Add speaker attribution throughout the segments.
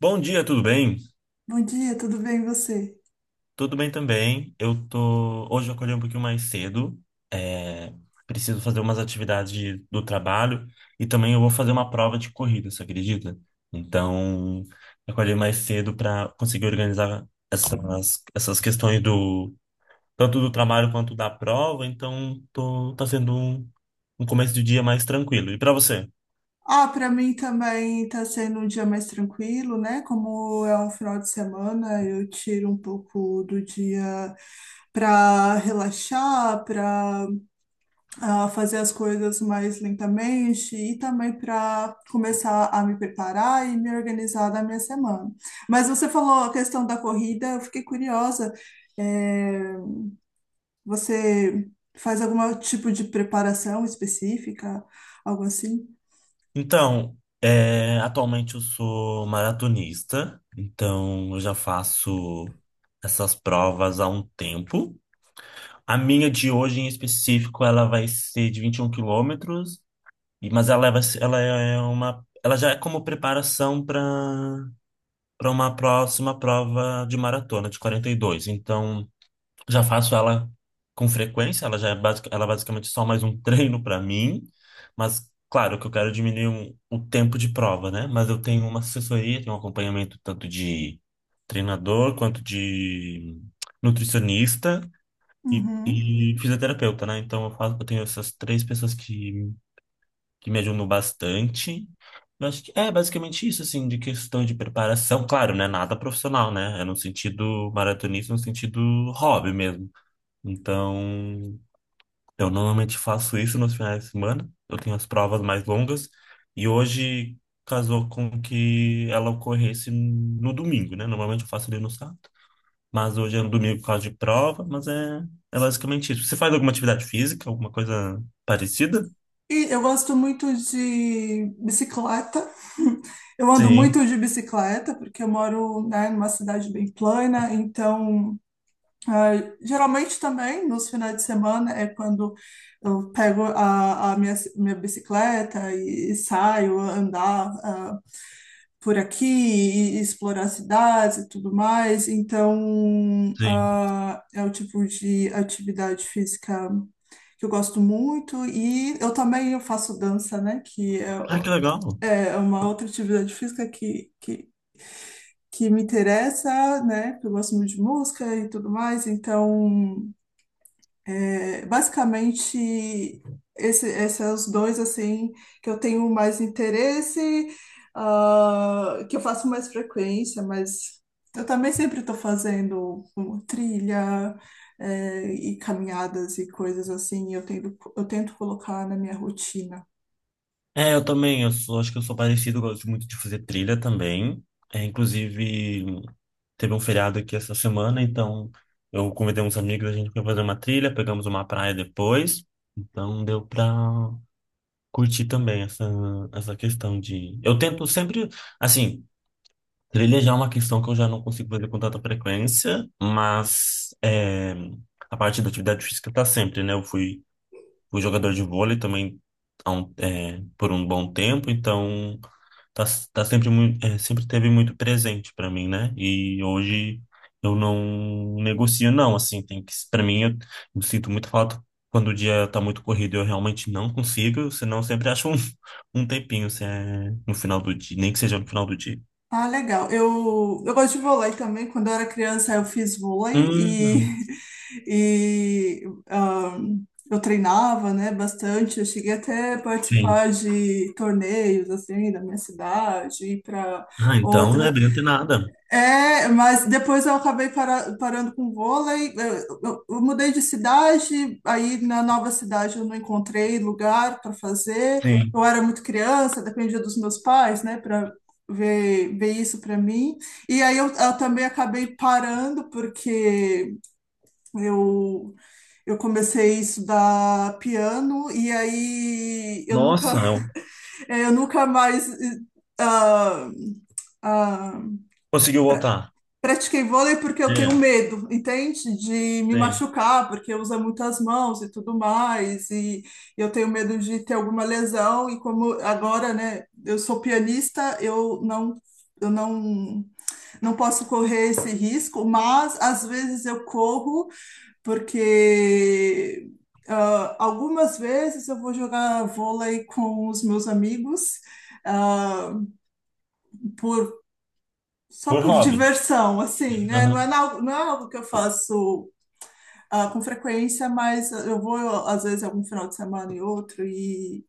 Speaker 1: Bom dia, tudo bem?
Speaker 2: Bom dia, tudo bem e você?
Speaker 1: Tudo bem também. Eu tô. Hoje eu acordei um pouquinho mais cedo. É, Preciso fazer umas atividades do trabalho e também eu vou fazer uma prova de corrida, você acredita? Então, eu acordei mais cedo para conseguir organizar essas questões do tanto do trabalho quanto da prova. Então, tá sendo um começo de dia mais tranquilo. E para você?
Speaker 2: Ah, para mim também tá sendo um dia mais tranquilo, né? Como é um final de semana, eu tiro um pouco do dia para relaxar, para fazer as coisas mais lentamente e também para começar a me preparar e me organizar da minha semana. Mas você falou a questão da corrida, eu fiquei curiosa. É, você faz algum tipo de preparação específica, algo assim?
Speaker 1: Então, atualmente eu sou maratonista, então eu já faço essas provas há um tempo. A minha de hoje em específico, ela vai ser de 21 quilômetros, mas ela, ela já é como preparação para uma próxima prova de maratona de 42. Então, já faço ela com frequência, ela é basicamente só mais um treino para mim, mas claro que eu quero é diminuir o tempo de prova, né? Mas eu tenho uma assessoria, tenho um acompanhamento tanto de treinador quanto de nutricionista e,
Speaker 2: Uhum.
Speaker 1: e fisioterapeuta, né? Então eu tenho essas três pessoas que me ajudam bastante. Eu acho que é basicamente isso, assim, de questão de preparação. Claro, né? Nada profissional, né? É no sentido maratonista, no sentido hobby mesmo. Então, eu normalmente faço isso nos finais de semana. Eu tenho as provas mais longas. E hoje casou com que ela ocorresse no domingo, né? Normalmente eu faço ali no sábado. Mas hoje é no domingo por causa de prova. Mas é basicamente isso. Você faz alguma atividade física, alguma coisa parecida?
Speaker 2: E eu gosto muito de bicicleta. Eu ando
Speaker 1: Sim,
Speaker 2: muito de bicicleta, porque eu moro, né, numa cidade bem plana, então, ah, geralmente também nos finais de semana é quando eu pego a minha bicicleta e saio andar. Por aqui e, explorar cidades e tudo mais. Então,
Speaker 1: sim.
Speaker 2: é o tipo de atividade física que eu gosto muito e eu também eu faço dança, né? Que
Speaker 1: Ah, que legal.
Speaker 2: é, é uma outra atividade física que me interessa, né? Que eu gosto muito de música e tudo mais. Então é, basicamente, esses são os dois assim que eu tenho mais interesse, que eu faço mais frequência, mas eu também sempre estou fazendo um, trilha, é, e caminhadas e coisas assim, eu tento colocar na minha rotina.
Speaker 1: É, eu também. Acho que eu sou parecido. Eu gosto muito de fazer trilha também. É, inclusive. Teve um feriado aqui essa semana, então eu convidei uns amigos, a gente foi fazer uma trilha, pegamos uma praia depois, então deu pra curtir também essa questão Eu tento sempre, assim, trilha já é uma questão que eu já não consigo fazer com tanta frequência, mas a parte da atividade física tá sempre, né? Eu fui jogador de vôlei também por um bom tempo, então tá, tá sempre muito, sempre teve muito presente para mim, né? E hoje eu não negocio não, assim, tem que para mim eu sinto muito falta quando o dia tá muito corrido, eu realmente não consigo, senão eu sempre acho um, um tempinho, se é no final do dia, nem que seja no final do dia.
Speaker 2: Ah, legal. Eu gosto de vôlei também. Quando eu era criança, eu fiz vôlei
Speaker 1: Hum,
Speaker 2: e, e ahn, eu treinava, né, bastante. Eu cheguei até a
Speaker 1: sim.
Speaker 2: participar de torneios, assim, da minha cidade, ir para
Speaker 1: Ah, então não é
Speaker 2: outras.
Speaker 1: bem nada.
Speaker 2: É, mas depois eu acabei parando com vôlei. Eu mudei de cidade, aí na nova cidade eu não encontrei lugar para fazer.
Speaker 1: Sim.
Speaker 2: Eu era muito criança, dependia dos meus pais, né, para ver isso para mim. E aí eu também acabei parando porque eu eu comecei a estudar piano e aí eu nunca
Speaker 1: Nossa,
Speaker 2: eu nunca mais ah, ah,
Speaker 1: conseguiu voltar.
Speaker 2: pratiquei vôlei porque eu tenho
Speaker 1: É,
Speaker 2: medo, entende? De me
Speaker 1: sim.
Speaker 2: machucar, porque usa muitas mãos e tudo mais, e eu tenho medo de ter alguma lesão, e como agora, né, eu sou pianista, eu não, não posso correr esse risco, mas às vezes eu corro porque algumas vezes eu vou jogar vôlei com os meus amigos ah, por só
Speaker 1: Por
Speaker 2: por
Speaker 1: hobby.
Speaker 2: diversão, assim, né? Não é,
Speaker 1: Aham.
Speaker 2: não é algo que eu faço com frequência, mas eu vou, às vezes, algum final de semana e outro,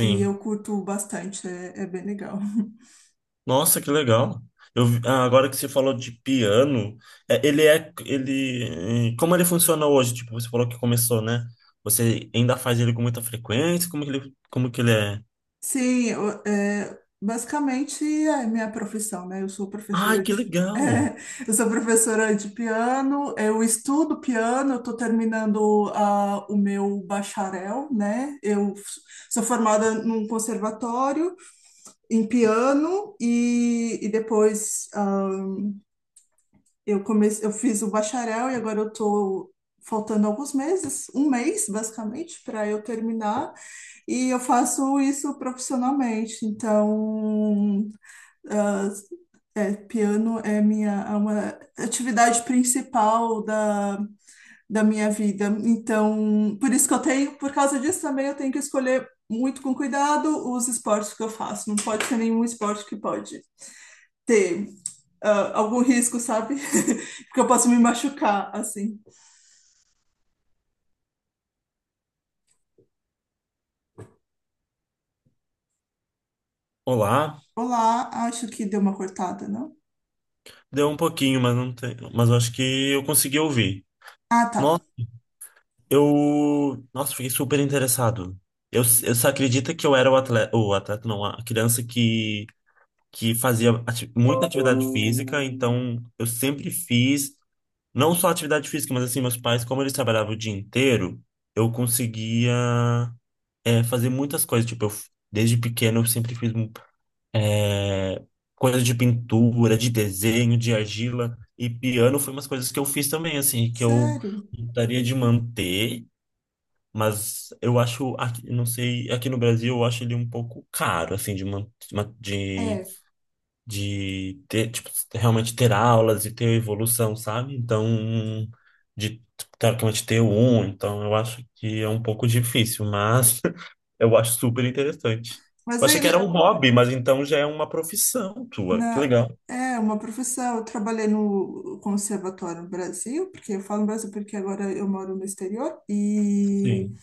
Speaker 2: e eu curto bastante, é, é bem legal.
Speaker 1: Nossa, que legal. Agora que você falou de piano, como ele funciona hoje? Tipo, você falou que começou, né? Você ainda faz ele com muita frequência? Como que ele é?
Speaker 2: Sim, é, basicamente é minha profissão, né? Eu sou
Speaker 1: Ai,
Speaker 2: professora
Speaker 1: que
Speaker 2: de,
Speaker 1: legal.
Speaker 2: é, eu sou professora de piano, eu estudo piano, eu estou terminando o meu bacharel, né? Eu sou formada num conservatório em piano e depois eu comecei, eu fiz o bacharel e agora eu tô faltando alguns meses, um mês basicamente, para eu terminar, e eu faço isso profissionalmente. Então, ah, piano é minha é uma atividade principal da minha vida. Então, por isso que eu tenho, por causa disso também eu tenho que escolher muito com cuidado os esportes que eu faço. Não pode ser nenhum esporte que pode ter algum risco, sabe? Porque eu posso me machucar, assim.
Speaker 1: Olá.
Speaker 2: Olá, acho que deu uma cortada, não?
Speaker 1: Deu um pouquinho, mas não tem, mas eu acho que eu consegui ouvir.
Speaker 2: Ah, tá.
Speaker 1: Nossa, fiquei super interessado. Eu só acredita que eu era o atleta não, a criança que fazia muita atividade física, então eu sempre fiz. Não só atividade física, mas assim, meus pais, como eles trabalhavam o dia inteiro, eu conseguia fazer muitas coisas. Tipo, desde pequeno eu sempre fiz é, coisas de pintura, de desenho, de argila. E piano foi umas coisas que eu fiz também, assim, que eu
Speaker 2: Sério?
Speaker 1: gostaria de manter, mas eu acho, não sei, aqui no Brasil eu acho ele um pouco caro, assim, de, man, de
Speaker 2: É.
Speaker 1: de ter, tipo, realmente ter aulas e ter evolução, sabe? Então, de teoricamente ter um, então eu acho que é um pouco difícil, mas eu acho super interessante.
Speaker 2: Mas
Speaker 1: Eu
Speaker 2: aí,
Speaker 1: achei que era um hobby, mas então já é uma profissão tua. Que
Speaker 2: na,
Speaker 1: legal.
Speaker 2: é uma profissão. Eu trabalhei no conservatório no Brasil, porque eu falo no Brasil porque agora eu moro no exterior.
Speaker 1: Sim.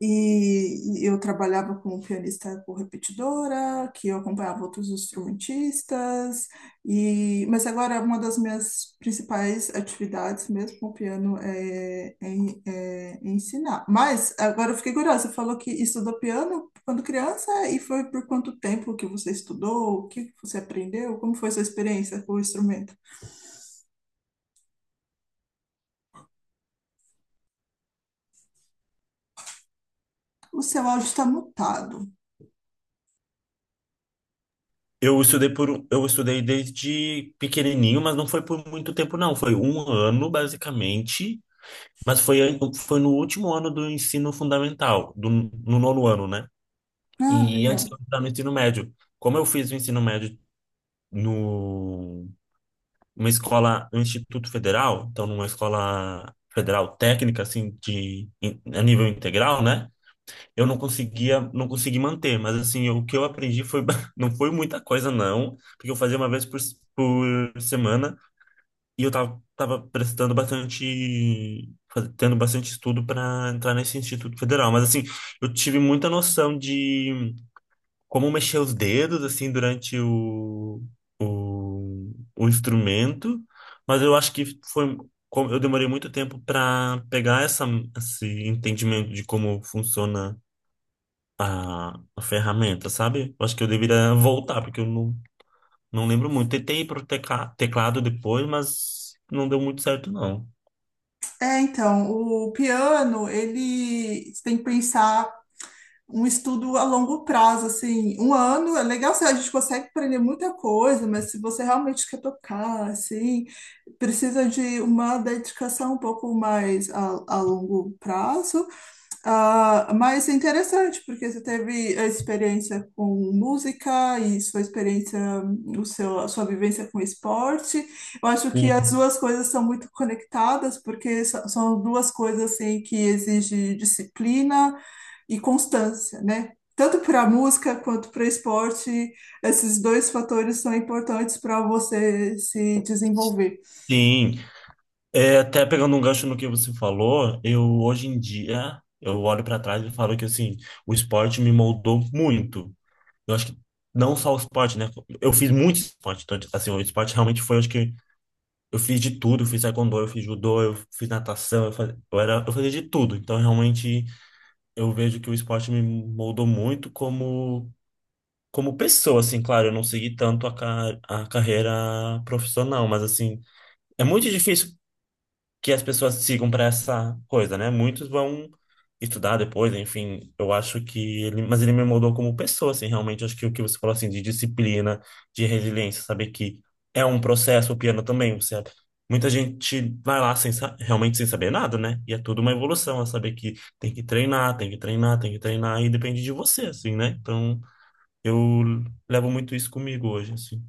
Speaker 2: E eu trabalhava como pianista por repetidora, que eu acompanhava outros instrumentistas, e mas agora uma das minhas principais atividades mesmo com o piano é ensinar. Mas agora eu fiquei curiosa, você falou que estudou piano quando criança e foi por quanto tempo que você estudou, o que que você aprendeu, como foi sua experiência com o instrumento? O seu áudio está mutado.
Speaker 1: Eu estudei desde pequenininho, mas não foi por muito tempo, não. Foi um ano, basicamente, mas foi no último ano do ensino fundamental, no nono ano, né?
Speaker 2: Ah,
Speaker 1: E antes de
Speaker 2: legal.
Speaker 1: eu entrar no ensino médio, como eu fiz o ensino médio no uma escola, um instituto federal, então numa escola federal técnica assim a nível integral, né? Eu não conseguia, não consegui manter, mas assim, o que eu aprendi foi não foi muita coisa não, porque eu fazia uma vez por semana e eu tava tendo bastante estudo para entrar nesse instituto federal, mas assim, eu tive muita noção de como mexer os dedos assim durante o, o instrumento, mas eu acho que foi como eu demorei muito tempo para pegar esse entendimento de como funciona a ferramenta, sabe? Eu acho que eu deveria voltar, porque eu não lembro muito. Tentei ir pro teclado depois, mas não deu muito certo, não.
Speaker 2: É, então, o piano, ele você tem que pensar um estudo a longo prazo, assim, um ano é legal, assim, a gente consegue aprender muita coisa, mas se você realmente quer tocar, assim, precisa de uma dedicação um pouco mais a longo prazo, mas é interessante, porque você teve a experiência com música e sua experiência, a sua vivência com esporte. Eu acho que as
Speaker 1: Sim.
Speaker 2: duas coisas são muito conectadas, porque são duas coisas assim, que exigem disciplina e constância, né? Tanto para a música quanto para o esporte, esses dois fatores são importantes para você se desenvolver.
Speaker 1: Sim, é, até pegando um gancho no que você falou, eu hoje em dia eu olho para trás e falo que assim, o esporte me moldou muito. Eu acho que não só o esporte, né? Eu fiz muito esporte, então, assim, o esporte realmente foi, eu acho que eu fiz de tudo, eu fiz taekwondo, eu fiz judô, eu fiz natação, eu fazia, eu era, eu fazia de tudo. Então, realmente eu vejo que o esporte me moldou muito como pessoa, assim, claro, eu não segui tanto a carreira profissional, mas assim, é muito difícil que as pessoas sigam para essa coisa, né? Muitos vão estudar depois, enfim, eu acho que ele, mas ele me moldou como pessoa, assim, realmente acho que o que você falou assim de disciplina, de resiliência, saber que é um processo, o piano também, muita gente vai lá sem sa- realmente sem saber nada, né? E é tudo uma evolução, é saber que tem que treinar, tem que treinar, tem que treinar e depende de você, assim, né? Então, eu levo muito isso comigo hoje, assim.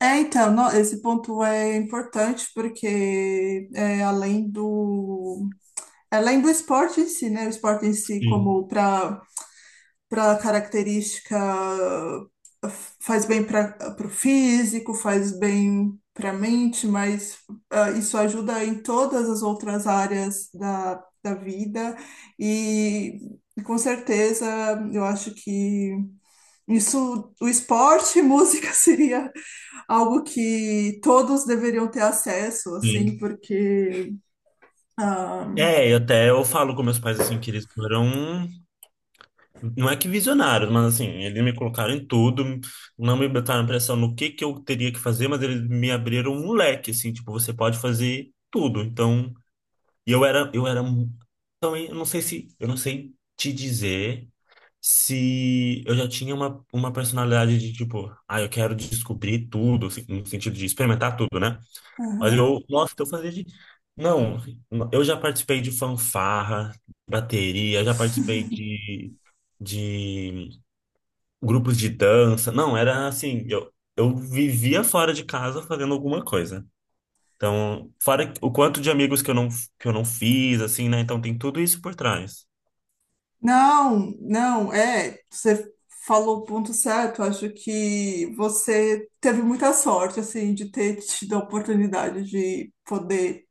Speaker 2: É, então, esse ponto é importante porque é, além do esporte em si, né? O esporte em si
Speaker 1: Sim.
Speaker 2: como para característica faz bem para o físico, faz bem para a mente, mas isso ajuda em todas as outras áreas da vida e com certeza eu acho que isso, o esporte e música seria algo que todos deveriam ter acesso, assim,
Speaker 1: Sim.
Speaker 2: porque.
Speaker 1: É, e até eu falo com meus pais assim que eles foram. Não é que visionários, mas assim, eles me colocaram em tudo, não me botaram pressão no que eu teria que fazer, mas eles me abriram um leque, assim, tipo, você pode fazer tudo. E eu era, eu era, mu- então, eu não sei te dizer se eu já tinha uma personalidade de tipo, ah, eu quero descobrir tudo, assim, no sentido de experimentar tudo, né? Mas
Speaker 2: Aham.
Speaker 1: eu, nossa, então eu fazia de, não, eu já participei de fanfarra, bateria, já participei de grupos de dança. Não, era assim, eu vivia fora de casa fazendo alguma coisa. Então, fora o quanto de amigos que eu não fiz, assim, né? Então tem tudo isso por trás.
Speaker 2: Não, não, é, você falou o ponto certo. Acho que você teve muita sorte, assim, de ter tido a oportunidade de poder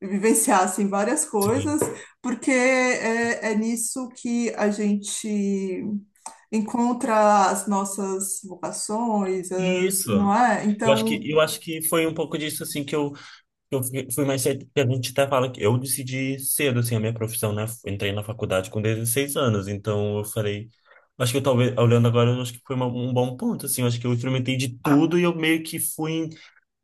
Speaker 2: vivenciar, assim, várias coisas,
Speaker 1: Sim.
Speaker 2: porque é, é nisso que a gente encontra as nossas vocações, as, não
Speaker 1: Isso.
Speaker 2: é?
Speaker 1: Eu acho que,
Speaker 2: Então,
Speaker 1: eu acho que foi um pouco disso, assim, que eu fui mais cedo, que a gente até fala que eu decidi cedo, assim, a minha profissão, né? Entrei na faculdade com 16 anos, então eu falei, acho que eu talvez, olhando agora, eu acho que foi um bom ponto, assim, eu acho que eu experimentei de tudo e eu meio que fui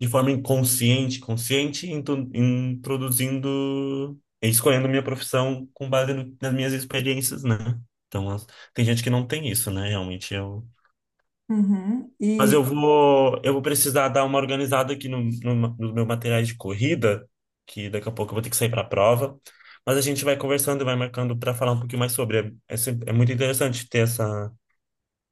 Speaker 1: de forma inconsciente, consciente, introduzindo e escolhendo minha profissão com base nas minhas experiências, né? Então, tem gente que não tem isso, né? Realmente eu.
Speaker 2: uhum,
Speaker 1: Mas eu
Speaker 2: e
Speaker 1: vou, eu vou precisar dar uma organizada aqui no, no, nos meus materiais de corrida, que daqui a pouco eu vou ter que sair para a prova. Mas a gente vai conversando e vai marcando para falar um pouquinho mais sobre. É muito interessante ter essa,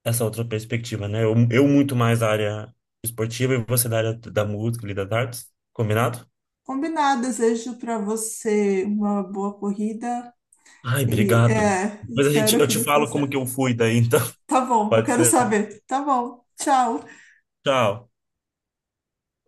Speaker 1: essa outra perspectiva, né? Eu muito mais da área esportiva e você da área da música e das artes. Combinado?
Speaker 2: combinado, desejo para você uma boa corrida
Speaker 1: Ai,
Speaker 2: e
Speaker 1: obrigado.
Speaker 2: é,
Speaker 1: Depois a gente,
Speaker 2: espero
Speaker 1: eu
Speaker 2: que
Speaker 1: te
Speaker 2: dê tudo
Speaker 1: falo como
Speaker 2: certo.
Speaker 1: que eu fui daí, então.
Speaker 2: Tá bom, eu
Speaker 1: Pode
Speaker 2: quero
Speaker 1: ser.
Speaker 2: saber. Tá bom, tchau.
Speaker 1: Tchau.